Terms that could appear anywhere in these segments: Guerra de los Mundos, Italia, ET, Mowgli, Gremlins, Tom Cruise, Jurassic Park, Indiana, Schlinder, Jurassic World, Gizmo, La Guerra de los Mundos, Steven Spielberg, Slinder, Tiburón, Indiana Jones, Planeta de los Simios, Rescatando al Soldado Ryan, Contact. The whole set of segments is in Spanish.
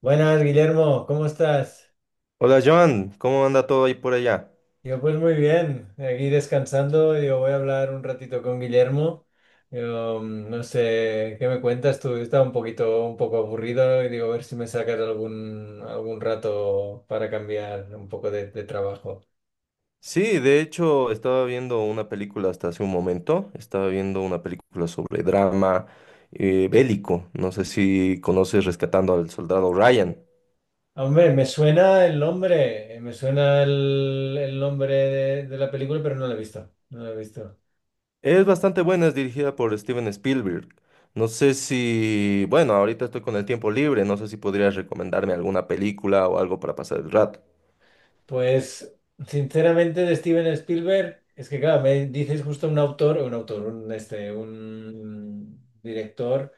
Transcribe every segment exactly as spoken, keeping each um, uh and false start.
Buenas, Guillermo, ¿cómo estás? Hola Joan, ¿cómo anda todo ahí por allá? Yo pues muy bien, aquí descansando, yo voy a hablar un ratito con Guillermo. Yo, mm, no sé, ¿qué me cuentas tú? Estaba un poquito, un poco aburrido y digo, a ver si me sacas algún, algún rato para cambiar un poco de, de trabajo. Sí, de hecho estaba viendo una película hasta hace un momento, estaba viendo una película sobre drama eh, bélico, no sé si conoces Rescatando al Soldado Ryan. Hombre, me suena el nombre, eh, me suena el, el nombre de, de la película, pero no la he visto, no la he visto. Es bastante buena, es dirigida por Steven Spielberg. No sé si, bueno, ahorita estoy con el tiempo libre, no sé si podrías recomendarme alguna película o algo para pasar el rato. Pues, sinceramente, de Steven Spielberg, es que, claro, me dices justo un autor, un autor, un, este, un director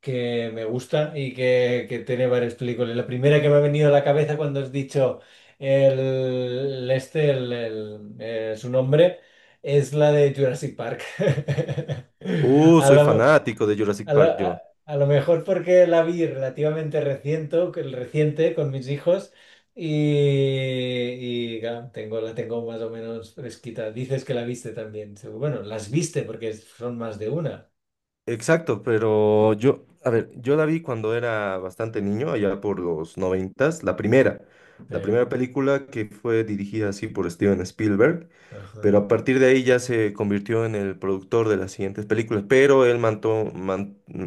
que me gusta y que, que tiene varias películas. La primera que me ha venido a la cabeza cuando has dicho el, este, el, el, eh, su nombre, es la de Jurassic Park. Uh, A Soy la- fanático de Jurassic a lo, Park, yo. a- A lo mejor porque la vi relativamente reciente, el reciente con mis hijos y, y, claro, tengo, la tengo más o menos fresquita. Dices que la viste también. Seguro- Bueno, las viste porque son más de una. Exacto, pero yo, a ver, yo la vi cuando era bastante niño, allá por los noventas, la primera, Sí. la primera película que fue dirigida así por Steven Spielberg, Ajá. pero a partir de ahí ya se convirtió en el productor de las siguientes películas, pero él mantuvo,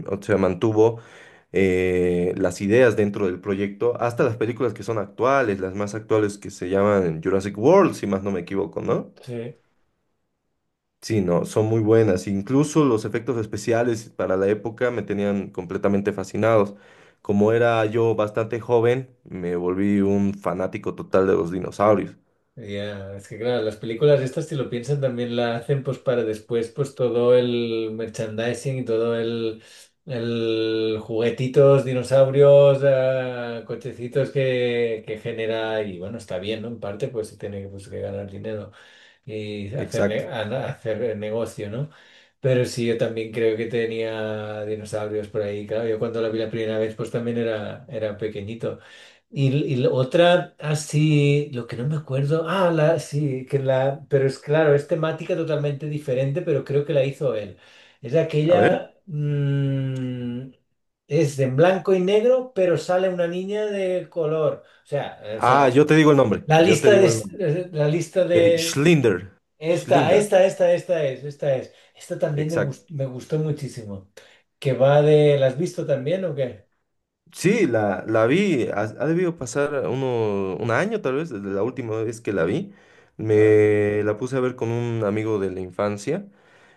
o sea, mantuvo eh, las ideas dentro del proyecto hasta las películas que son actuales, las más actuales que se llaman Jurassic World, si más no me equivoco, ¿no? Sí. Sí, no, son muy buenas. Incluso los efectos especiales para la época me tenían completamente fascinados. Como era yo bastante joven, me volví un fanático total de los dinosaurios. Ya, es que claro, las películas estas, si lo piensan, también la hacen pues para después, pues todo el merchandising y todo el, el juguetitos, dinosaurios, eh, cochecitos que, que genera y bueno, está bien, ¿no? En parte pues se tiene que, pues, que ganar dinero y hacer, Exacto. ne- a- hacer negocio, ¿no? Pero sí, yo también creo que tenía dinosaurios por ahí, claro, yo cuando la vi la primera vez pues también era, era pequeñito. Y, y la otra, así, lo que no me acuerdo, ah, la, sí, que la, pero es claro, es temática totalmente diferente, pero creo que la hizo él. Es A ver. aquella, mm, es en blanco y negro, pero sale una niña de color. O sea, eh, o Ah, sea, yo te digo el nombre. la Yo te lista de, digo el nombre. eh, la lista De de, Schlinder. esta, Schlinder. esta, esta, esta es, esta es. Esta también me Exacto. gustó, me gustó muchísimo. Que va de, ¿la has visto también o qué? Sí, la, la vi, ha, ha debido pasar uno, un año tal vez desde la última vez que la vi. Ah, Me la puse a ver con un amigo de la infancia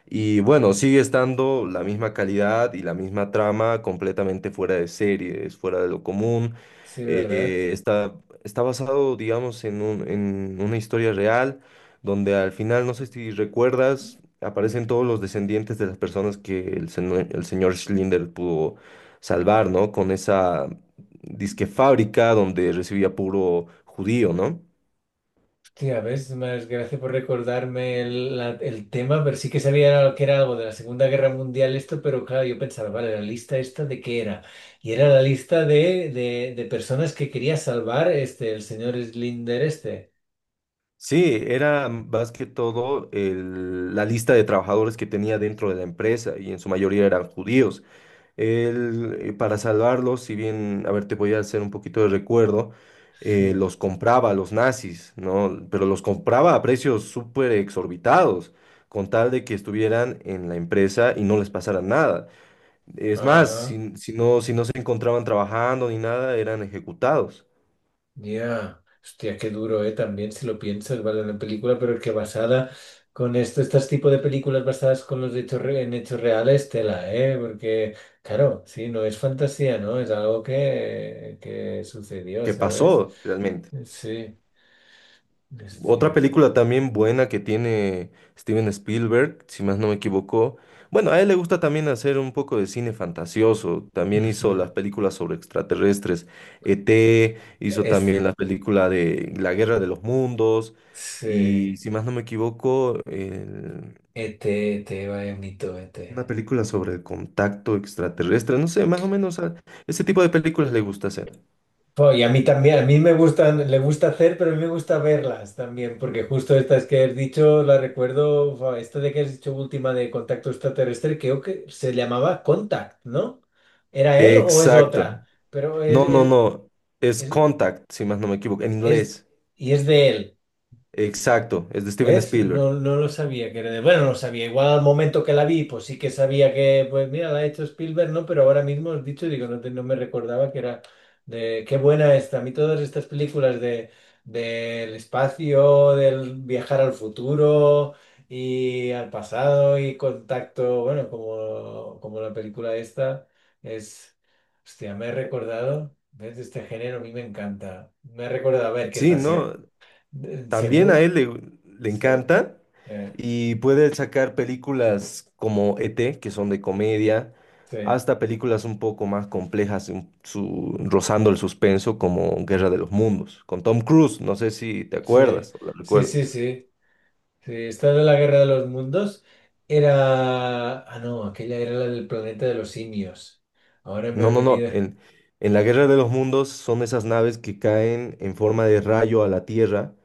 y bueno, sigue estando la misma calidad y la misma trama completamente fuera de serie, es fuera de lo común. sí, ¿verdad? Eh, está, está basado, digamos, en un- en una historia real donde al final, no sé si recuerdas, aparecen todos los descendientes de las personas que el, seno- el señor Schlinder pudo salvar, ¿no? Con esa disque fábrica donde recibía puro judío, ¿no? Tía, ves, más gracias por recordarme el, la- el tema, pero sí que sabía que era algo de la Segunda Guerra Mundial esto, pero claro, yo pensaba, vale, la lista esta de qué era. Y era la lista de, de, de personas que quería salvar este, el señor Slinder este. Sí, era más que todo el- la lista de trabajadores que tenía dentro de la empresa y en su mayoría eran judíos. Él, eh, para salvarlos, si bien, a ver, te voy a hacer un poquito de recuerdo, Sí. eh, los compraba a los nazis, ¿no? Pero los compraba a precios súper exorbitados, con tal de que estuvieran en la empresa y no les pasara nada. Es más, Ajá. si, si no, si no se encontraban trabajando ni nada, eran ejecutados. Ya, hostia, qué duro, ¿eh? También si lo piensas, vale, la película, pero que basada con esto, estos tipos de películas basadas con los hechos re- en hechos reales, tela, ¿eh? Porque, claro, sí, no es fantasía, ¿no? Es algo que, que sucedió, ¿Qué ¿sabes? pasó realmente? Sí, Otra hostia. película también buena que tiene Steven Spielberg, si más no me equivoco. Bueno, a él le gusta también hacer un poco de cine fantasioso. También hizo Ujú. las películas sobre extraterrestres. E T, hizo también Esta. la película de La Guerra de los Mundos. Y Sí. si más no me equivoco, E T E T, E T, vaya mito, E T. una película sobre el contacto extraterrestre, no sé, más o menos a ese tipo de películas le gusta hacer. Jo, y a mí también, a mí me gustan, le gusta hacer, pero a mí me gusta verlas también, porque justo estas que has dicho, la recuerdo, fa, esta de que has dicho última de contacto extraterrestre, creo que se llamaba Contact, ¿no? ¿Era él o es Exacto. otra? Pero es, No, no, es, no. Es es, Contact, si más no me equivoco, en es- inglés. y es de él. Exacto, es de Steven ¿Ves? Spielberg. No, no lo sabía que era de... Bueno, no lo sabía. Igual al momento que la vi, pues sí que sabía que, pues mira, la ha hecho Spielberg, ¿no? Pero ahora mismo has dicho, digo, no, te- no me recordaba que era de... Qué buena esta. A mí todas estas películas de, del espacio, del viajar al futuro y al pasado y contacto, bueno, como, como la película esta, es... Hostia, me he recordado, ¿ves? Este género a mí me encanta. Me he recordado, a ver, que Sí, está seguro. no, también a Seguro. él le, le Sí. encanta Eh, y puede sacar películas como E T, que son de comedia, sí, hasta películas un poco más complejas, un- su- rozando el suspenso, como Guerra de los Mundos, con Tom Cruise, no sé si te sí, acuerdas o la sí, recuerdas. sí, sí, sí. Esta de la Guerra de los Mundos era... Ah, no, aquella era la del planeta de los simios. Ahora me No, ha no, no. venido... En, en la Guerra de los Mundos son esas naves que caen en forma de rayo a la Tierra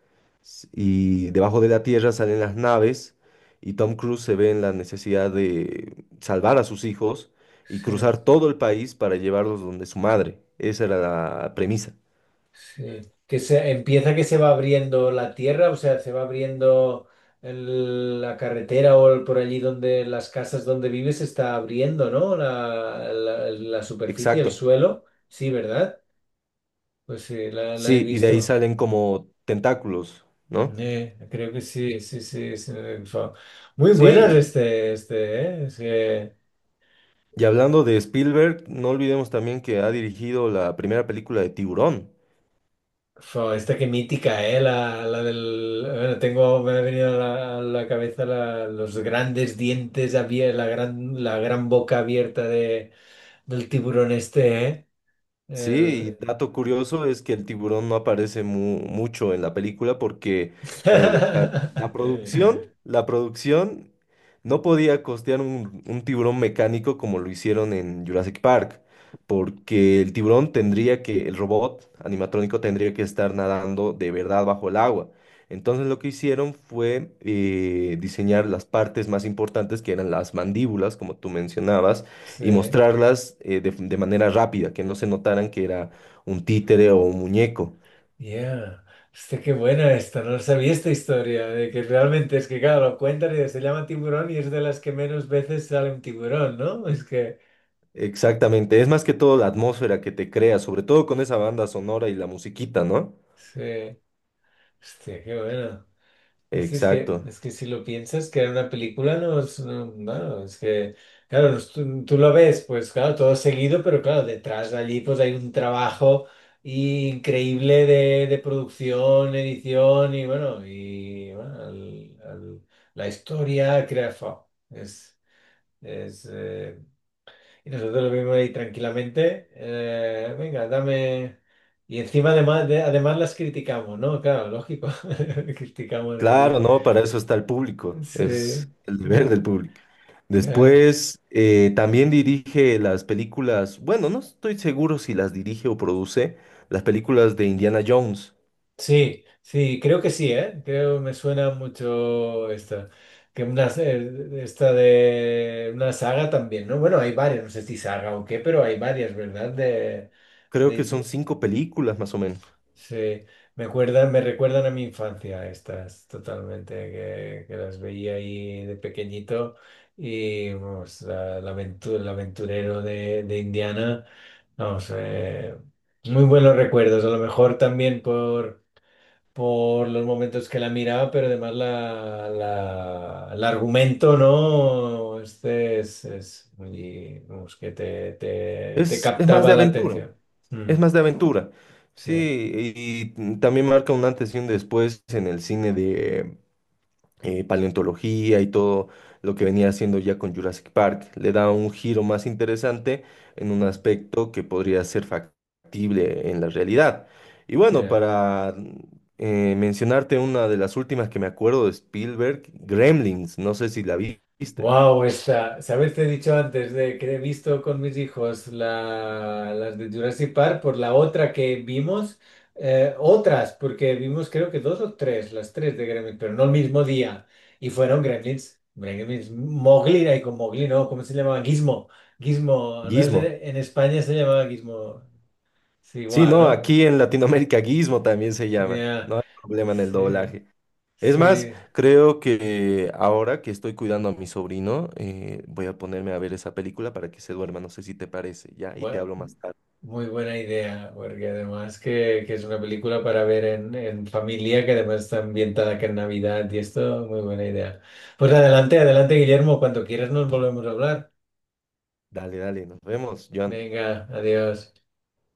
s- y debajo de la Tierra salen las naves y Tom Cruise se ve en la necesidad de salvar a sus hijos y Sí, cruzar todo el país para llevarlos donde su madre. Esa era la premisa. sí. Que se empieza que se va abriendo la tierra, o sea, se va abriendo el- la carretera o el- por allí donde las casas donde vives se está abriendo, ¿no? La, la, la superficie, el Exacto. suelo. Sí, ¿verdad? Pues sí, la, la he Sí, y de ahí visto. salen como tentáculos, ¿no? Eh, creo que sí, sí, sí, sí, fue. Muy buenas Sí, este, este, eh, es que, y hablando de Spielberg, no olvidemos también que ha dirigido la primera película de Tiburón. fue esta que mítica, eh, la, la del, bueno, tengo, me ha venido a la, a la cabeza la- los grandes dientes abiertos, la gran, la gran boca abierta de, del tiburón este, eh, Sí, el... y dato curioso es que el tiburón no aparece mu- mucho en la película porque, a ver, la, la producción, la producción no podía costear un, un tiburón mecánico como lo hicieron en Jurassic Park, porque el tiburón tendría que, el robot animatrónico tendría que estar nadando de verdad bajo el agua. Entonces lo que hicieron fue eh, diseñar las partes más importantes que eran las mandíbulas, como tú mencionabas y Sí. mostrarlas eh, de, de manera rápida, que no se notaran que era un títere o un muñeco. Yeah. Este qué buena esta, no sabía esta historia, de que realmente es que, claro, lo cuentan y se llama tiburón y es de las que menos veces sale un tiburón, ¿no? Es que, Exactamente, es más que todo la atmósfera que te crea, sobre todo con esa banda sonora y la musiquita, ¿no? sí, hostia, qué buena. Es, es que, Exacto. es que si lo piensas, crear una película no es, no, bueno, es que, claro, no es- tú, tú lo ves, pues claro, todo seguido, pero claro, detrás de allí pues hay un trabajo increíble de, de producción, edición y bueno, y bueno, al- al- la historia, crea, fa, es, es, eh, y nosotros lo vimos ahí tranquilamente, eh, venga, dame, y encima además, de- además las criticamos, ¿no? Claro, lógico, criticamos aquí. Claro, ¿no? Para eso está el público, Sí, es el deber sí, del público. claro. Después, eh, también dirige las películas, bueno, no estoy seguro si las dirige o produce, las películas de Indiana Jones. Sí, sí, creo que sí, ¿eh? Creo me suena mucho esta. Que una, eh, esta de una saga también, ¿no? Bueno, hay varias, no sé si saga o qué, pero hay varias, ¿verdad? De, Creo que de- son de- cinco películas más o menos. sí, me acuerdan, me recuerdan a mi infancia estas, totalmente, que, que las veía ahí de pequeñito y, vamos, la, la aventu- el aventurero de, de Indiana. Vamos, eh, muy buenos recuerdos, a lo mejor también por, por los momentos que la miraba, pero además la, la- el argumento, ¿no? Este es, es muy, vamos, que te, te, te Es, es más captaba de la aventura. atención. Mm, Es más de aventura. sí. Sí, y y también marca un antes y un después en el cine de eh, paleontología y todo lo que venía haciendo ya con Jurassic Park. Le da un giro más interesante en un Mm, aspecto que podría ser factible en la realidad. Y bueno, ya. para eh, mencionarte una de las últimas que me acuerdo de Spielberg, Gremlins, no sé si la vi- viste. Wow, esta, ¿sabes? Te he dicho antes de que he visto con mis hijos la, las de Jurassic Park por la otra que vimos, eh, otras, porque vimos creo que dos o tres, las tres de Gremlins, pero no el mismo día. Y fueron Gremlins, Gremlins, Mowgli, ahí con Mowgli, ¿no? ¿Cómo se llamaba? Gizmo, Gizmo, al menos en, Gizmo. en España se llamaba Gizmo, es Sí, igual, no, ¿no? aquí en Latinoamérica Gizmo también se llama. Ya, No hay problema en el sí, doblaje. Es más, sí. creo que ahora que estoy cuidando a mi sobrino, eh, voy a ponerme a ver esa película para que se duerma. No sé si te parece, ¿ya? Y te Bu- hablo más tarde. muy buena idea, porque además que, que es una película para ver en, en familia, que además está ambientada que en Navidad y esto, muy buena idea. Pues adelante, adelante, Guillermo, cuando quieras nos volvemos a hablar. Dale, dale, nos vemos, Joan. Venga, adiós.